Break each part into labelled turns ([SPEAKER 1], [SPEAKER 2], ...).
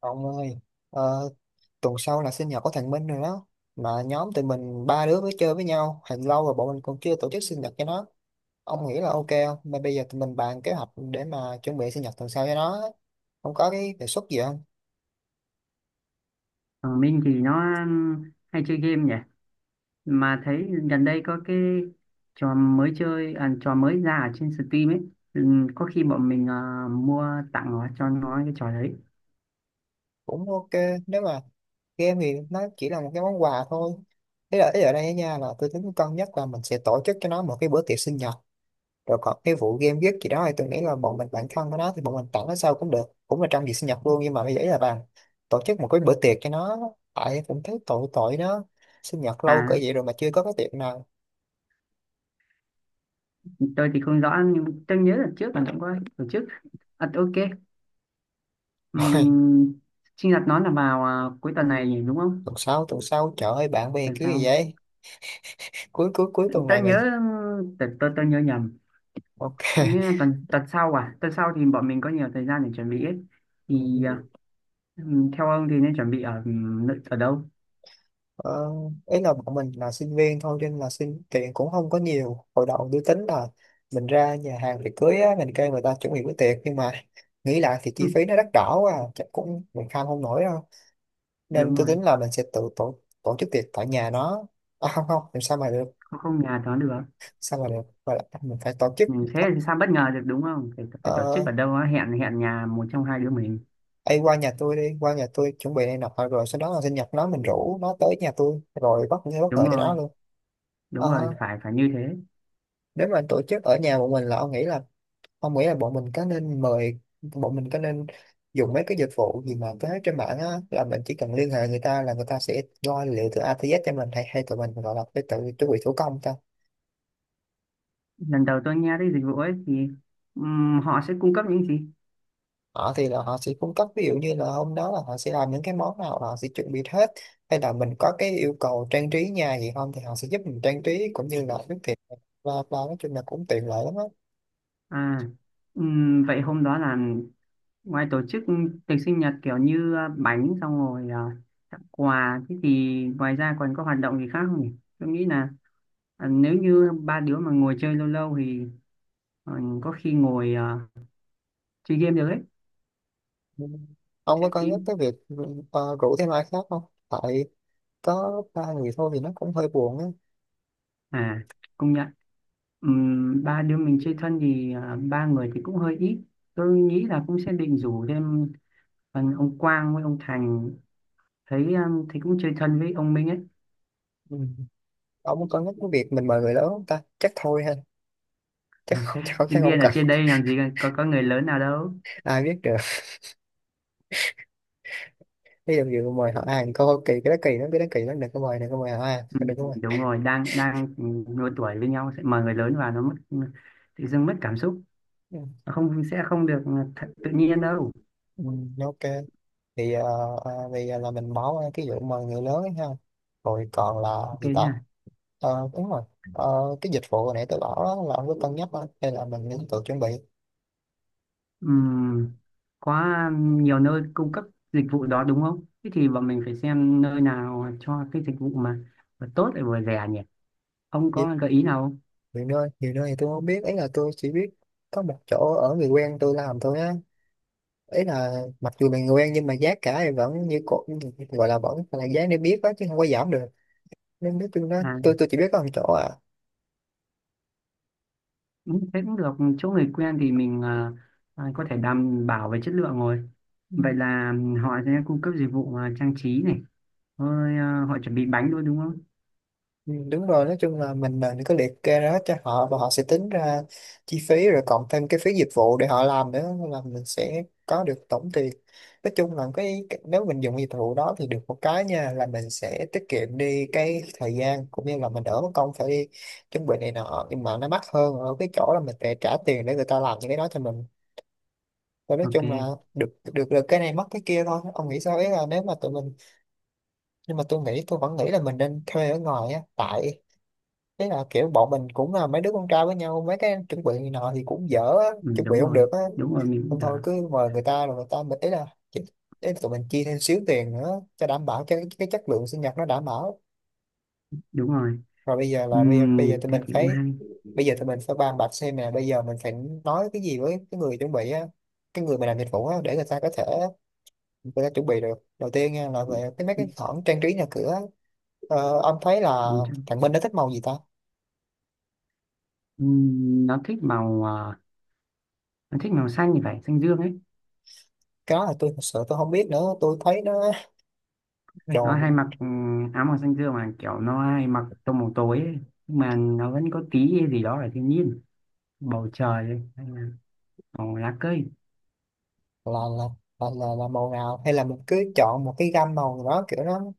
[SPEAKER 1] Ông ơi, ờ, tuần sau là sinh nhật của thằng Minh rồi đó. Mà nhóm tụi mình ba đứa mới chơi với nhau. Hình lâu rồi bọn mình còn chưa tổ chức sinh nhật cho nó. Ông nghĩ là ok không? Mà bây giờ tụi mình bàn kế hoạch để mà chuẩn bị sinh nhật tuần sau cho nó á. Ông có cái đề xuất gì không?
[SPEAKER 2] Còn Minh thì nó hay chơi game nhỉ. Mà thấy gần đây có cái trò mới chơi, à, trò mới ra ở trên Steam ấy. Ừ, có khi bọn mình, à, mua tặng nó cho nó cái trò đấy.
[SPEAKER 1] Cũng ok. Nếu mà game thì nó chỉ là một cái món quà thôi. Thế là ý ở đây nha là tôi tính cân nhắc là mình sẽ tổ chức cho nó một cái bữa tiệc sinh nhật. Rồi còn cái vụ game viết gì đó thì tôi nghĩ là bọn mình bản thân của nó thì bọn mình tặng nó sau cũng được, cũng là trong dịp sinh nhật luôn. Nhưng mà bây giờ ý là bạn tổ chức một cái bữa tiệc cho nó, tại cũng thấy tội tội nó, sinh nhật lâu cỡ
[SPEAKER 2] À,
[SPEAKER 1] vậy rồi mà chưa có cái tiệc nào.
[SPEAKER 2] tôi thì không rõ nhưng tôi nhớ là trước là cũng có tổ chức. À, ok. Um, sinh nhật nó là vào, à, cuối tuần này nhỉ, đúng không?
[SPEAKER 1] Tuần sau trời ơi bạn bè
[SPEAKER 2] Tuần
[SPEAKER 1] cứ gì
[SPEAKER 2] sau.
[SPEAKER 1] vậy. Cuối cuối cuối tuần
[SPEAKER 2] Tôi
[SPEAKER 1] này mà.
[SPEAKER 2] nhớ, tôi, tôi nhớ nhầm.
[SPEAKER 1] Ok.
[SPEAKER 2] Như tuần tuần sau, à, tuần sau thì bọn mình có nhiều thời gian để chuẩn bị ấy. Thì ờ,
[SPEAKER 1] Ừ.
[SPEAKER 2] ừ, theo ông thì nên chuẩn bị ở, ừ, nơi- ở đâu?
[SPEAKER 1] Ờ, Ý là bọn mình là sinh viên thôi cho nên là xin tiền cũng không có nhiều. Hồi đầu tôi tính là mình ra nhà hàng tiệc cưới á, mình kêu người ta chuẩn bị bữa tiệc, nhưng mà nghĩ lại thì chi phí nó đắt đỏ quá à, chắc cũng mình kham không nổi đâu. Nên
[SPEAKER 2] Đúng
[SPEAKER 1] tôi
[SPEAKER 2] rồi.
[SPEAKER 1] tính là mình sẽ tự tổ, tổ chức tiệc tại nhà nó. À, không không, làm sao mà được.
[SPEAKER 2] Không, không, nhà đó được.
[SPEAKER 1] Sao mà được. Và lại mình phải tổ chức.
[SPEAKER 2] Ừ, thế
[SPEAKER 1] th-
[SPEAKER 2] thì sao bất ngờ được đúng không? Phải, phải tổ chức
[SPEAKER 1] ờ,
[SPEAKER 2] ở đâu á, hẹn hẹn nhà một trong hai đứa mình.
[SPEAKER 1] Ấy qua nhà tôi đi, qua nhà tôi chuẩn bị này nọ, rồi sau đó là sinh nhật nó mình rủ nó tới nhà tôi rồi bất
[SPEAKER 2] Đúng
[SPEAKER 1] ngờ cho nó
[SPEAKER 2] rồi,
[SPEAKER 1] luôn.
[SPEAKER 2] đúng rồi,
[SPEAKER 1] Ờ,
[SPEAKER 2] phải phải như thế.
[SPEAKER 1] Nếu mà tổ chức ở nhà một mình là ông nghĩ là, ông nghĩ là bọn mình có nên mời, bọn mình có nên dùng mấy cái dịch vụ gì mà có hết trên mạng á, là mình chỉ cần liên hệ người ta là người ta sẽ lo liệu từ A tới Z cho mình, hay hay tụi mình gọi là phải tự chuẩn bị thủ công ta?
[SPEAKER 2] Lần đầu tôi nghe tới dịch vụ ấy thì họ sẽ cung cấp những gì?
[SPEAKER 1] Họ thì là họ sẽ cung cấp ví dụ như là hôm đó là họ sẽ làm những cái món nào là họ sẽ chuẩn bị hết, hay là mình có cái yêu cầu trang trí nhà gì không thì họ sẽ giúp mình trang trí cũng như là nước thiệt. Và nói chung là cũng tiện lợi lắm á.
[SPEAKER 2] À, vậy hôm đó là ngoài tổ chức tiệc sinh nhật kiểu như à, bánh xong rồi, à, tặng quà, thế thì ngoài ra còn có hoạt động gì khác không nhỉ? Tôi nghĩ là, à, nếu như ba đứa mà ngồi chơi lâu lâu thì ờ, có khi ngồi ờ, chơi game được ấy.
[SPEAKER 1] Ừ. Ông có
[SPEAKER 2] Xem
[SPEAKER 1] cân nhắc
[SPEAKER 2] phim.
[SPEAKER 1] cái việc rủ thêm ai khác không? Tại có ba người thôi thì nó cũng hơi buồn á.
[SPEAKER 2] À, công nhận. Ba đứa mình chơi thân thì ờ, ba người thì cũng hơi ít. Tôi nghĩ là cũng sẽ định rủ thêm ờ, ông Quang với ông Thành, thấy ờ, thấy cũng chơi thân với ông Minh ấy.
[SPEAKER 1] Ừ. Ông có nhắc cái việc mình mời người lớn không ta? Chắc thôi ha,
[SPEAKER 2] Ờ,
[SPEAKER 1] chắc không, chắc không, chắc
[SPEAKER 2] sinh
[SPEAKER 1] không
[SPEAKER 2] viên ở
[SPEAKER 1] cần.
[SPEAKER 2] trên đây làm gì có người lớn nào đâu.
[SPEAKER 1] Ai biết được, ví dụ như mời họ ăn coi kỳ, cái đó kỳ lắm, cái đó kỳ lắm, đừng có mời, đừng có mời họ ăn,
[SPEAKER 2] Ừm,
[SPEAKER 1] đừng có mời.
[SPEAKER 2] đúng rồi, đang đang độ tuổi với nhau sẽ mời người lớn vào nó mất, tự dưng mất cảm xúc.
[SPEAKER 1] Ừ.
[SPEAKER 2] Không, sẽ không được thật, tự nhiên đâu.
[SPEAKER 1] Ừ, ok thì thì là mình bỏ qua cái vụ mời người lớn ấy ha. Rồi còn là
[SPEAKER 2] Ok
[SPEAKER 1] gì ta?
[SPEAKER 2] nhỉ.
[SPEAKER 1] Ờ, đúng rồi. Ờ, cái dịch vụ hồi nãy tôi bảo đó, là ông có cân nhắc không hay là mình nên tự chuẩn bị?
[SPEAKER 2] Ừm, có nhiều nơi cung cấp dịch vụ đó đúng không? Thế thì bọn mình phải xem nơi nào cho cái dịch vụ mà vừa tốt lại vừa rẻ nhỉ. Ông
[SPEAKER 1] Vì
[SPEAKER 2] có gợi ý nào không?
[SPEAKER 1] nhiều nơi, nhiều nơi thì tôi không biết ấy, là tôi chỉ biết có một chỗ ở người quen tôi làm thôi á. Ý là mặc dù mình quen nhưng mà giá cả thì vẫn như cũ, gọi là vẫn là giá niêm yết đó, chứ không có giảm được. Nên nói chung đó,
[SPEAKER 2] À,
[SPEAKER 1] tôi chỉ biết có một chỗ à.
[SPEAKER 2] ừ, thế cũng được. Chỗ người quen thì mình ờ, ờ, có thể đảm bảo về chất lượng rồi.
[SPEAKER 1] Ừ.
[SPEAKER 2] Vậy là họ sẽ cung cấp dịch vụ ờ, trang trí này. Rồi ờ, họ chuẩn bị bánh luôn đúng không?
[SPEAKER 1] Ừ, đúng rồi, nói chung là mình có liệt kê ra hết cho họ và họ sẽ tính ra chi phí, rồi cộng thêm cái phí dịch vụ để họ làm nữa, nên là mình sẽ có được tổng tiền. Nói chung là cái nếu mình dùng dịch vụ đó thì được một cái nha, là mình sẽ tiết kiệm đi cái thời gian, cũng như là mình đỡ mất công phải đi chuẩn bị này nọ, nhưng mà nó mắc hơn ở cái chỗ là mình phải trả tiền để người ta làm những cái đó cho mình. Và nói
[SPEAKER 2] Ok,
[SPEAKER 1] chung là được, được, được cái này mất cái kia thôi. Ông nghĩ sao ấy là nếu mà tụi mình, nhưng mà tôi nghĩ, tôi vẫn nghĩ là mình nên thuê ở ngoài á. Tại thế là kiểu bọn mình cũng là mấy đứa con trai với nhau, mấy cái chuẩn bị này nọ thì cũng dở á,
[SPEAKER 2] ừ,
[SPEAKER 1] chuẩn bị
[SPEAKER 2] đúng
[SPEAKER 1] không
[SPEAKER 2] rồi.
[SPEAKER 1] được á.
[SPEAKER 2] Đúng rồi, mình cũng
[SPEAKER 1] Không thôi
[SPEAKER 2] đã.
[SPEAKER 1] cứ mời người ta, rồi người ta mình ý là chỉ- ý là tụi mình chi thêm xíu tiền nữa cho đảm bảo cho cái chất lượng sinh nhật nó đảm bảo.
[SPEAKER 2] Đúng rồi.
[SPEAKER 1] Rồi bây giờ tụi
[SPEAKER 2] Thế
[SPEAKER 1] mình
[SPEAKER 2] thì cũng
[SPEAKER 1] phải,
[SPEAKER 2] hay.
[SPEAKER 1] bây giờ tụi mình phải bàn bạc xem nè, bây giờ mình phải nói cái gì với cái người chuẩn bị á, cái người mà làm dịch vụ á, để người ta có thể. Tôi đã chuẩn bị được đầu tiên nha, là
[SPEAKER 2] Ừ,
[SPEAKER 1] về cái mấy cái khoản trang trí nhà cửa. Ông thấy là
[SPEAKER 2] ừ, chắc-
[SPEAKER 1] thằng Minh nó thích màu gì ta?
[SPEAKER 2] nó thích màu à, nó thích màu xanh thì phải xanh dương ấy.
[SPEAKER 1] Cái đó là tôi thật sự tôi không biết nữa, tôi thấy nó
[SPEAKER 2] Nó
[SPEAKER 1] đồ.
[SPEAKER 2] hay mặc ừ, áo màu xanh dương mà kiểu nó hay mặc tông màu tối ấy. Nhưng mà nó vẫn có tí gì đó là thiên nhiên, bầu trời ấy, hay là màu lá cây.
[SPEAKER 1] Là là là là, là màu nào, hay là mình cứ chọn một cái gam màu nào đó kiểu nó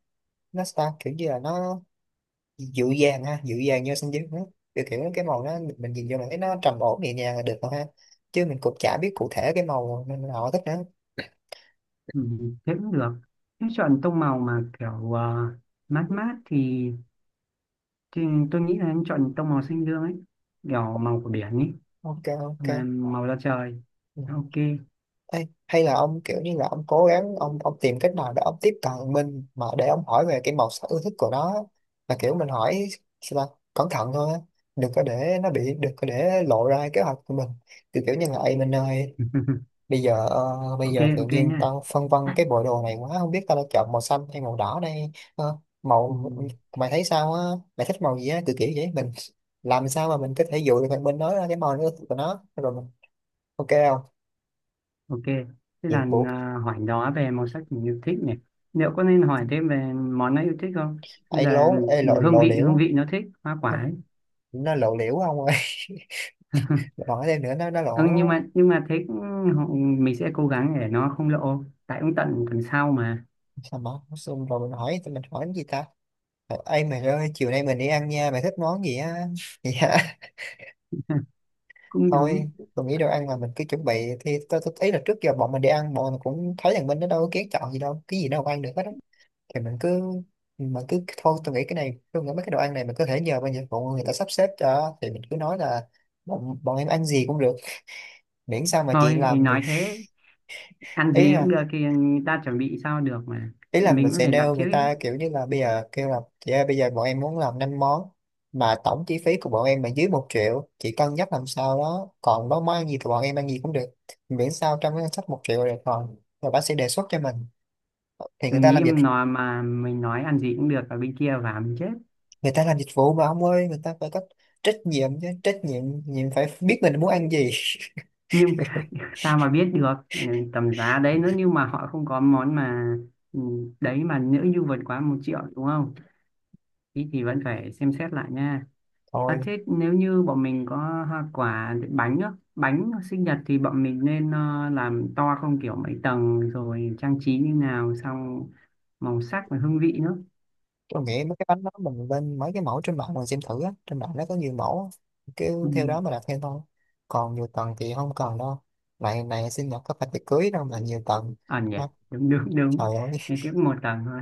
[SPEAKER 1] nó sao kiểu như là nó dịu dàng ha, dịu dàng như xanh dương đó, kiểu kiểu cái màu đó mình nhìn vô là thấy nó trầm ổn nhẹ nhàng là được rồi ha, chứ mình cũng chả biết cụ thể cái màu nào thích nữa.
[SPEAKER 2] Ừ, thế cũng được. Nếu chọn tông màu mà kiểu ờ, mát mát thì, tôi nghĩ là em chọn tông màu xanh dương ấy, kiểu màu của biển ấy,
[SPEAKER 1] Ok,
[SPEAKER 2] mà
[SPEAKER 1] ok.
[SPEAKER 2] màu da trời.
[SPEAKER 1] Ừ.
[SPEAKER 2] Ok.
[SPEAKER 1] Ê, hay là ông kiểu như là ông cố gắng ông, tìm cách nào để ông tiếp cận mình mà để ông hỏi về cái màu sắc ưa thích của nó á. Là kiểu mình hỏi sao ta? Cẩn thận thôi á, đừng có để nó bị, đừng có để lộ ra kế hoạch của mình. Kiểu kiểu như là "Ê Minh ơi, bây giờ bây
[SPEAKER 2] Ok,
[SPEAKER 1] giờ tự
[SPEAKER 2] ok
[SPEAKER 1] nhiên
[SPEAKER 2] nha.
[SPEAKER 1] tao phân vân cái bộ đồ này quá, không biết tao đã chọn màu xanh hay màu đỏ đây. Ờ,
[SPEAKER 2] Ừ.
[SPEAKER 1] Màu mày thấy sao á, mày thích màu gì á", kiểu kiểu vậy. Mình làm sao mà mình có thể dụ được thằng Minh nói ra cái màu nó ưa thích của nó rồi mình, ok không?
[SPEAKER 2] Ok, thế
[SPEAKER 1] Nhiệm
[SPEAKER 2] là
[SPEAKER 1] vụ
[SPEAKER 2] à, hỏi đó về màu sắc mình yêu thích này. Liệu có nên hỏi thêm về món nó yêu thích không? Hay
[SPEAKER 1] ấy
[SPEAKER 2] là
[SPEAKER 1] lố, lộ lộ
[SPEAKER 2] hương
[SPEAKER 1] liễu.
[SPEAKER 2] vị nó thích, hoa quả
[SPEAKER 1] nó
[SPEAKER 2] ấy.
[SPEAKER 1] nó lộ liễu ông ơi. Mình hỏi thêm nữa nó
[SPEAKER 2] Ừ,
[SPEAKER 1] lộ
[SPEAKER 2] nhưng mà thế cũng- họ- mình sẽ cố gắng để nó không lộ. Tại cũng tận tuần sau mà.
[SPEAKER 1] sao mà. Xong rồi mình hỏi, tụi mình hỏi cái gì ta? Ờ, ê mày ơi chiều nay mình đi ăn nha, mày thích món gì á? Dạ
[SPEAKER 2] Cũng
[SPEAKER 1] thôi,
[SPEAKER 2] đúng.
[SPEAKER 1] tôi nghĩ đồ ăn là mình cứ chuẩn bị, thì tôi thấy là trước giờ bọn mình đi ăn bọn mình cũng thấy rằng mình, nó đâu có kén chọn gì đâu, cái gì đâu ăn được hết á, thì mình cứ, mà cứ thôi tôi nghĩ cái này, tôi nghĩ mấy cái đồ ăn này mình có thể nhờ bên dịch vụ người ta sắp xếp cho, thì mình cứ nói là bọn em ăn gì cũng được, miễn sao mà chị
[SPEAKER 2] Thôi, ấy
[SPEAKER 1] làm thì.
[SPEAKER 2] nói thế, ăn gì
[SPEAKER 1] Ý
[SPEAKER 2] cũng được thì người ta chuẩn bị sao được mà.
[SPEAKER 1] Ý là
[SPEAKER 2] Mình
[SPEAKER 1] mình
[SPEAKER 2] cũng
[SPEAKER 1] sẽ
[SPEAKER 2] phải đặt
[SPEAKER 1] nêu
[SPEAKER 2] trước
[SPEAKER 1] người
[SPEAKER 2] ấy.
[SPEAKER 1] ta kiểu như là bây giờ kêu là, chị ơi bây giờ bọn em muốn làm 5 món, mà tổng chi phí của bọn em là dưới 1.000.000, chị cân nhắc làm sao đó, còn đó món ăn gì thì bọn em ăn gì cũng được, miễn sao trong cái ngân sách 1.000.000 là được. Còn rồi bác sẽ đề xuất cho mình, thì người
[SPEAKER 2] Mình
[SPEAKER 1] ta làm
[SPEAKER 2] nghĩ
[SPEAKER 1] dịch,
[SPEAKER 2] nó mà mình nói ăn gì cũng được ở bên kia và mình chết.
[SPEAKER 1] người ta làm dịch vụ mà ông ơi, người ta phải có trách nhiệm chứ, trách nhiệm nhiệm phải biết mình muốn ăn gì.
[SPEAKER 2] Nhưng sao mà biết được ừ, tầm giá đấy nữa nhưng mà họ không có món mà ừ, đấy mà nữ du vượt quá 1.000.000 đúng không? Thì vẫn phải xem xét lại nha. À,
[SPEAKER 1] Thôi
[SPEAKER 2] thế nếu như bọn mình có hoa quả bánh á, bánh sinh nhật thì bọn mình nên ờ, làm to không kiểu mấy tầng rồi trang trí như nào, xong màu sắc và hương vị nữa.
[SPEAKER 1] tôi nghĩ mấy cái bánh đó mình lên mấy cái mẫu trên mạng mình xem thử á, trên mạng nó có nhiều mẫu á.
[SPEAKER 2] Ừ.
[SPEAKER 1] Cứ theo đó mà đặt theo thôi. Còn nhiều tầng thì không cần đâu. Này này sinh nhật có phải tiệc cưới đâu mà nhiều tầng.
[SPEAKER 2] À nhỉ.
[SPEAKER 1] Má,
[SPEAKER 2] Đúng đúng
[SPEAKER 1] trời
[SPEAKER 2] đúng.
[SPEAKER 1] ơi,
[SPEAKER 2] Nên tiếp một tầng thôi.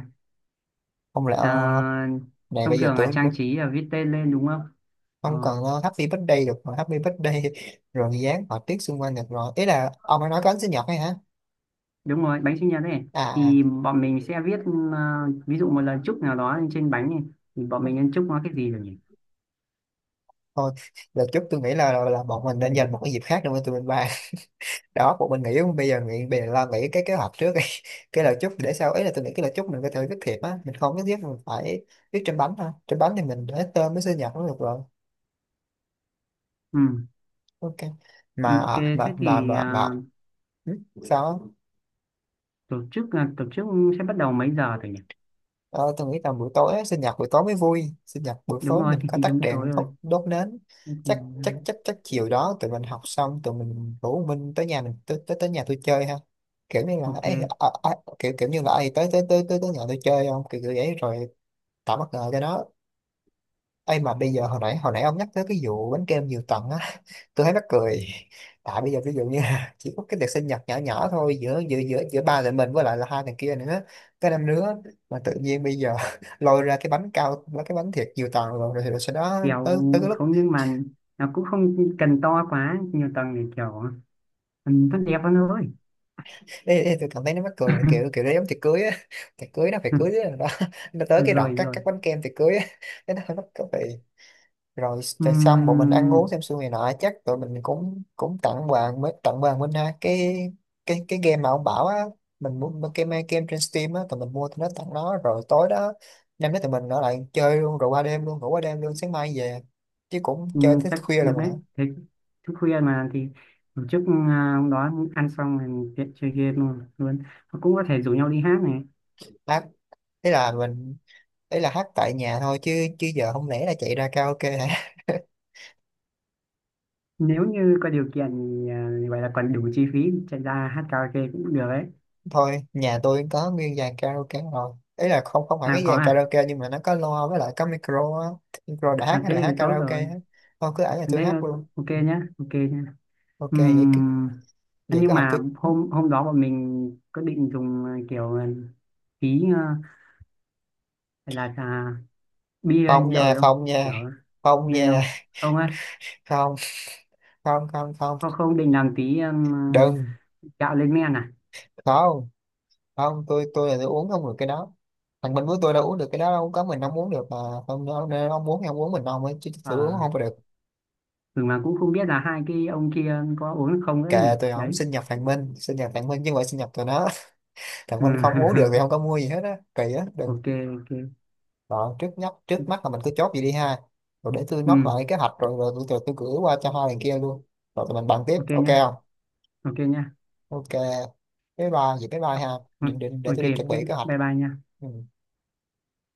[SPEAKER 1] không lẽ
[SPEAKER 2] À,
[SPEAKER 1] này
[SPEAKER 2] thông
[SPEAKER 1] bây giờ
[SPEAKER 2] thường là
[SPEAKER 1] tưởng
[SPEAKER 2] trang
[SPEAKER 1] lúc
[SPEAKER 2] trí là viết tên lên đúng không? Ờ,
[SPEAKER 1] không cần, happy birthday được mà happy birthday rồi dán họa tiết xung quanh được rồi. Ý là ông ấy nói có bánh sinh nhật hay hả?
[SPEAKER 2] đúng rồi, bánh sinh nhật ấy
[SPEAKER 1] à à,
[SPEAKER 2] thì bọn mình sẽ viết ờ, ví dụ một lần chúc nào đó lên trên bánh này, thì bọn mình nên chúc nó cái gì rồi nhỉ.
[SPEAKER 1] Thôi đợt chút tôi nghĩ là bọn mình nên dành một cái dịp khác để mà tụi mình ba đó. Một mình nghĩ bây giờ, lo nghĩ cái kế hoạch trước đi. Cái lời chúc để sau, ấy là tôi nghĩ cái lời chúc mình có thể viết thiệp á, mình không nhất thiết mình phải viết trên bánh ha. Trên bánh thì mình để tên với sinh nhật cũng được rồi.
[SPEAKER 2] Ừ.
[SPEAKER 1] Ok. mà
[SPEAKER 2] Ok.
[SPEAKER 1] à,
[SPEAKER 2] Thế
[SPEAKER 1] mà mà
[SPEAKER 2] thì
[SPEAKER 1] mà,
[SPEAKER 2] ờ,
[SPEAKER 1] mà. Ừ, sao á?
[SPEAKER 2] tổ chức là tổ chức sẽ bắt đầu mấy giờ rồi nhỉ?
[SPEAKER 1] Ờ, tôi nghĩ là buổi tối á, sinh nhật buổi tối mới vui. Sinh nhật buổi
[SPEAKER 2] Đúng
[SPEAKER 1] tối
[SPEAKER 2] rồi.
[SPEAKER 1] mình có
[SPEAKER 2] Thì
[SPEAKER 1] tắt
[SPEAKER 2] đúng tối
[SPEAKER 1] đèn,
[SPEAKER 2] rồi.
[SPEAKER 1] đốt, nến.
[SPEAKER 2] Thế thì,
[SPEAKER 1] Chắc chắc chắc chắc chiều đó tụi mình học xong tụi mình rủ Minh tới nhà mình, tới tới, tới nhà tôi chơi ha. Kiểu như là ấy,
[SPEAKER 2] ok.
[SPEAKER 1] kiểu kiểu như là ấy, tới tới tới tới tới nhà tôi chơi không, kiểu kiểu vậy rồi tạo bất ngờ cho nó. Ê mà bây giờ, hồi nãy ông nhắc tới cái vụ bánh kem nhiều tầng á, tôi thấy mắc cười. Tại bây giờ ví dụ như là chỉ có cái tiệc sinh nhật nhỏ nhỏ thôi, giữa giữa giữa giữa ba thằng mình với lại là hai thằng kia nữa, cái năm nữa. Mà tự nhiên bây giờ lôi ra cái bánh cao, cái bánh thiệt nhiều tầng, rồi rồi sau đó
[SPEAKER 2] Kẹo.
[SPEAKER 1] tới tới cái lúc
[SPEAKER 2] Không nhưng mà nó cũng không cần to quá nhiều tầng để kiểu ừ, tốt đẹp hơn thôi.
[SPEAKER 1] ê, tôi cảm thấy nó mắc cười kiểu kiểu đấy, giống tiệc cưới á. Tiệc cưới nó phải cưới đó, nó tới cái đoạn
[SPEAKER 2] Rồi
[SPEAKER 1] cắt,
[SPEAKER 2] rồi.
[SPEAKER 1] bánh kem tiệc cưới á, cái nó hơi mắc cười. Rồi xong bọn mình ăn
[SPEAKER 2] Ừm.
[SPEAKER 1] uống xem xuôi này nọ, chắc tụi mình cũng cũng tặng bạn, mới tặng bạn Minh ha, cái cái game mà ông bảo á. Mình muốn mua game, trên Steam á, tụi mình mua tụi nó tặng nó. Rồi tối đó, năm đó tụi mình ở lại chơi luôn rồi qua đêm luôn, ngủ qua đêm luôn, sáng mai về. Chứ cũng
[SPEAKER 2] Ừ,
[SPEAKER 1] chơi tới
[SPEAKER 2] chắc
[SPEAKER 1] khuya là
[SPEAKER 2] được
[SPEAKER 1] mà.
[SPEAKER 2] hết. Thế thức khuya mà thì tổ chức, à, hôm đó ăn xong rồi tiện chơi game luôn luôn. Và cũng có thể rủ nhau đi hát này.
[SPEAKER 1] Hát, thế là mình, đấy là hát tại nhà thôi chứ, chứ giờ không lẽ là chạy ra karaoke hả?
[SPEAKER 2] Nếu như có điều kiện thì à, vậy là còn đủ chi phí chạy ra hát karaoke cũng được đấy.
[SPEAKER 1] Thôi nhà tôi có nguyên dàn karaoke rồi, ý là không, không hẳn
[SPEAKER 2] À
[SPEAKER 1] cái
[SPEAKER 2] có
[SPEAKER 1] dàn
[SPEAKER 2] à.
[SPEAKER 1] karaoke nhưng mà nó có loa với lại có micro á, micro để
[SPEAKER 2] À
[SPEAKER 1] hát,
[SPEAKER 2] thế
[SPEAKER 1] để hát
[SPEAKER 2] thì tốt
[SPEAKER 1] karaoke
[SPEAKER 2] rồi.
[SPEAKER 1] á. Thôi cứ ở nhà tôi
[SPEAKER 2] Thế ờ,
[SPEAKER 1] hát luôn.
[SPEAKER 2] ok nhá, ok nhá.
[SPEAKER 1] Ok vậy cứ,
[SPEAKER 2] Ừm,
[SPEAKER 1] vậy cứ
[SPEAKER 2] nhưng
[SPEAKER 1] học cứ
[SPEAKER 2] mà hôm hôm đó bọn mình có định dùng à, kiểu à, tí à, là à, bia hay
[SPEAKER 1] phòng
[SPEAKER 2] rượu gì
[SPEAKER 1] nhà
[SPEAKER 2] không
[SPEAKER 1] phòng nhà
[SPEAKER 2] kiểu
[SPEAKER 1] phòng
[SPEAKER 2] nên
[SPEAKER 1] nhà
[SPEAKER 2] không không á,
[SPEAKER 1] Không, không, không, không.
[SPEAKER 2] không không định làm tí
[SPEAKER 1] Đừng.
[SPEAKER 2] gạo lên men à?
[SPEAKER 1] Không không, tôi là tôi uống không được cái đó. Thằng Minh với tôi đâu uống được cái đó đâu, có mình không uống được mà. Không nên ông muốn thì ông uống mình ông ấy chứ tôi uống không có
[SPEAKER 2] Ờ.
[SPEAKER 1] được.
[SPEAKER 2] Ừ, mà cũng không biết là hai cái ông kia có uống không nữa nhỉ
[SPEAKER 1] Kệ, tôi không,
[SPEAKER 2] đấy.
[SPEAKER 1] sinh nhật thằng Minh, sinh nhật thằng Minh chứ không phải sinh nhật tụi nó. Còn
[SPEAKER 2] Ừ.
[SPEAKER 1] mình không uống được thì không có mua gì hết á, kỳ á, đừng.
[SPEAKER 2] Ok, ok.
[SPEAKER 1] Đó, trước nhất, trước mắt là mình cứ chốt vậy đi ha. Rồi để tôi
[SPEAKER 2] Ừ.
[SPEAKER 1] nốt lại kế hoạch rồi, tôi gửi qua cho hai thằng kia luôn. Rồi tụi mình bàn tiếp,
[SPEAKER 2] Ok
[SPEAKER 1] ok
[SPEAKER 2] nhá,
[SPEAKER 1] không?
[SPEAKER 2] ok nhá.
[SPEAKER 1] Ok, bye bye vậy, bye bye ha.
[SPEAKER 2] Ừ,
[SPEAKER 1] Định định để
[SPEAKER 2] ok
[SPEAKER 1] tôi đi chuẩn
[SPEAKER 2] thế
[SPEAKER 1] bị kế hoạch.
[SPEAKER 2] bye bye nha.
[SPEAKER 1] Ừ.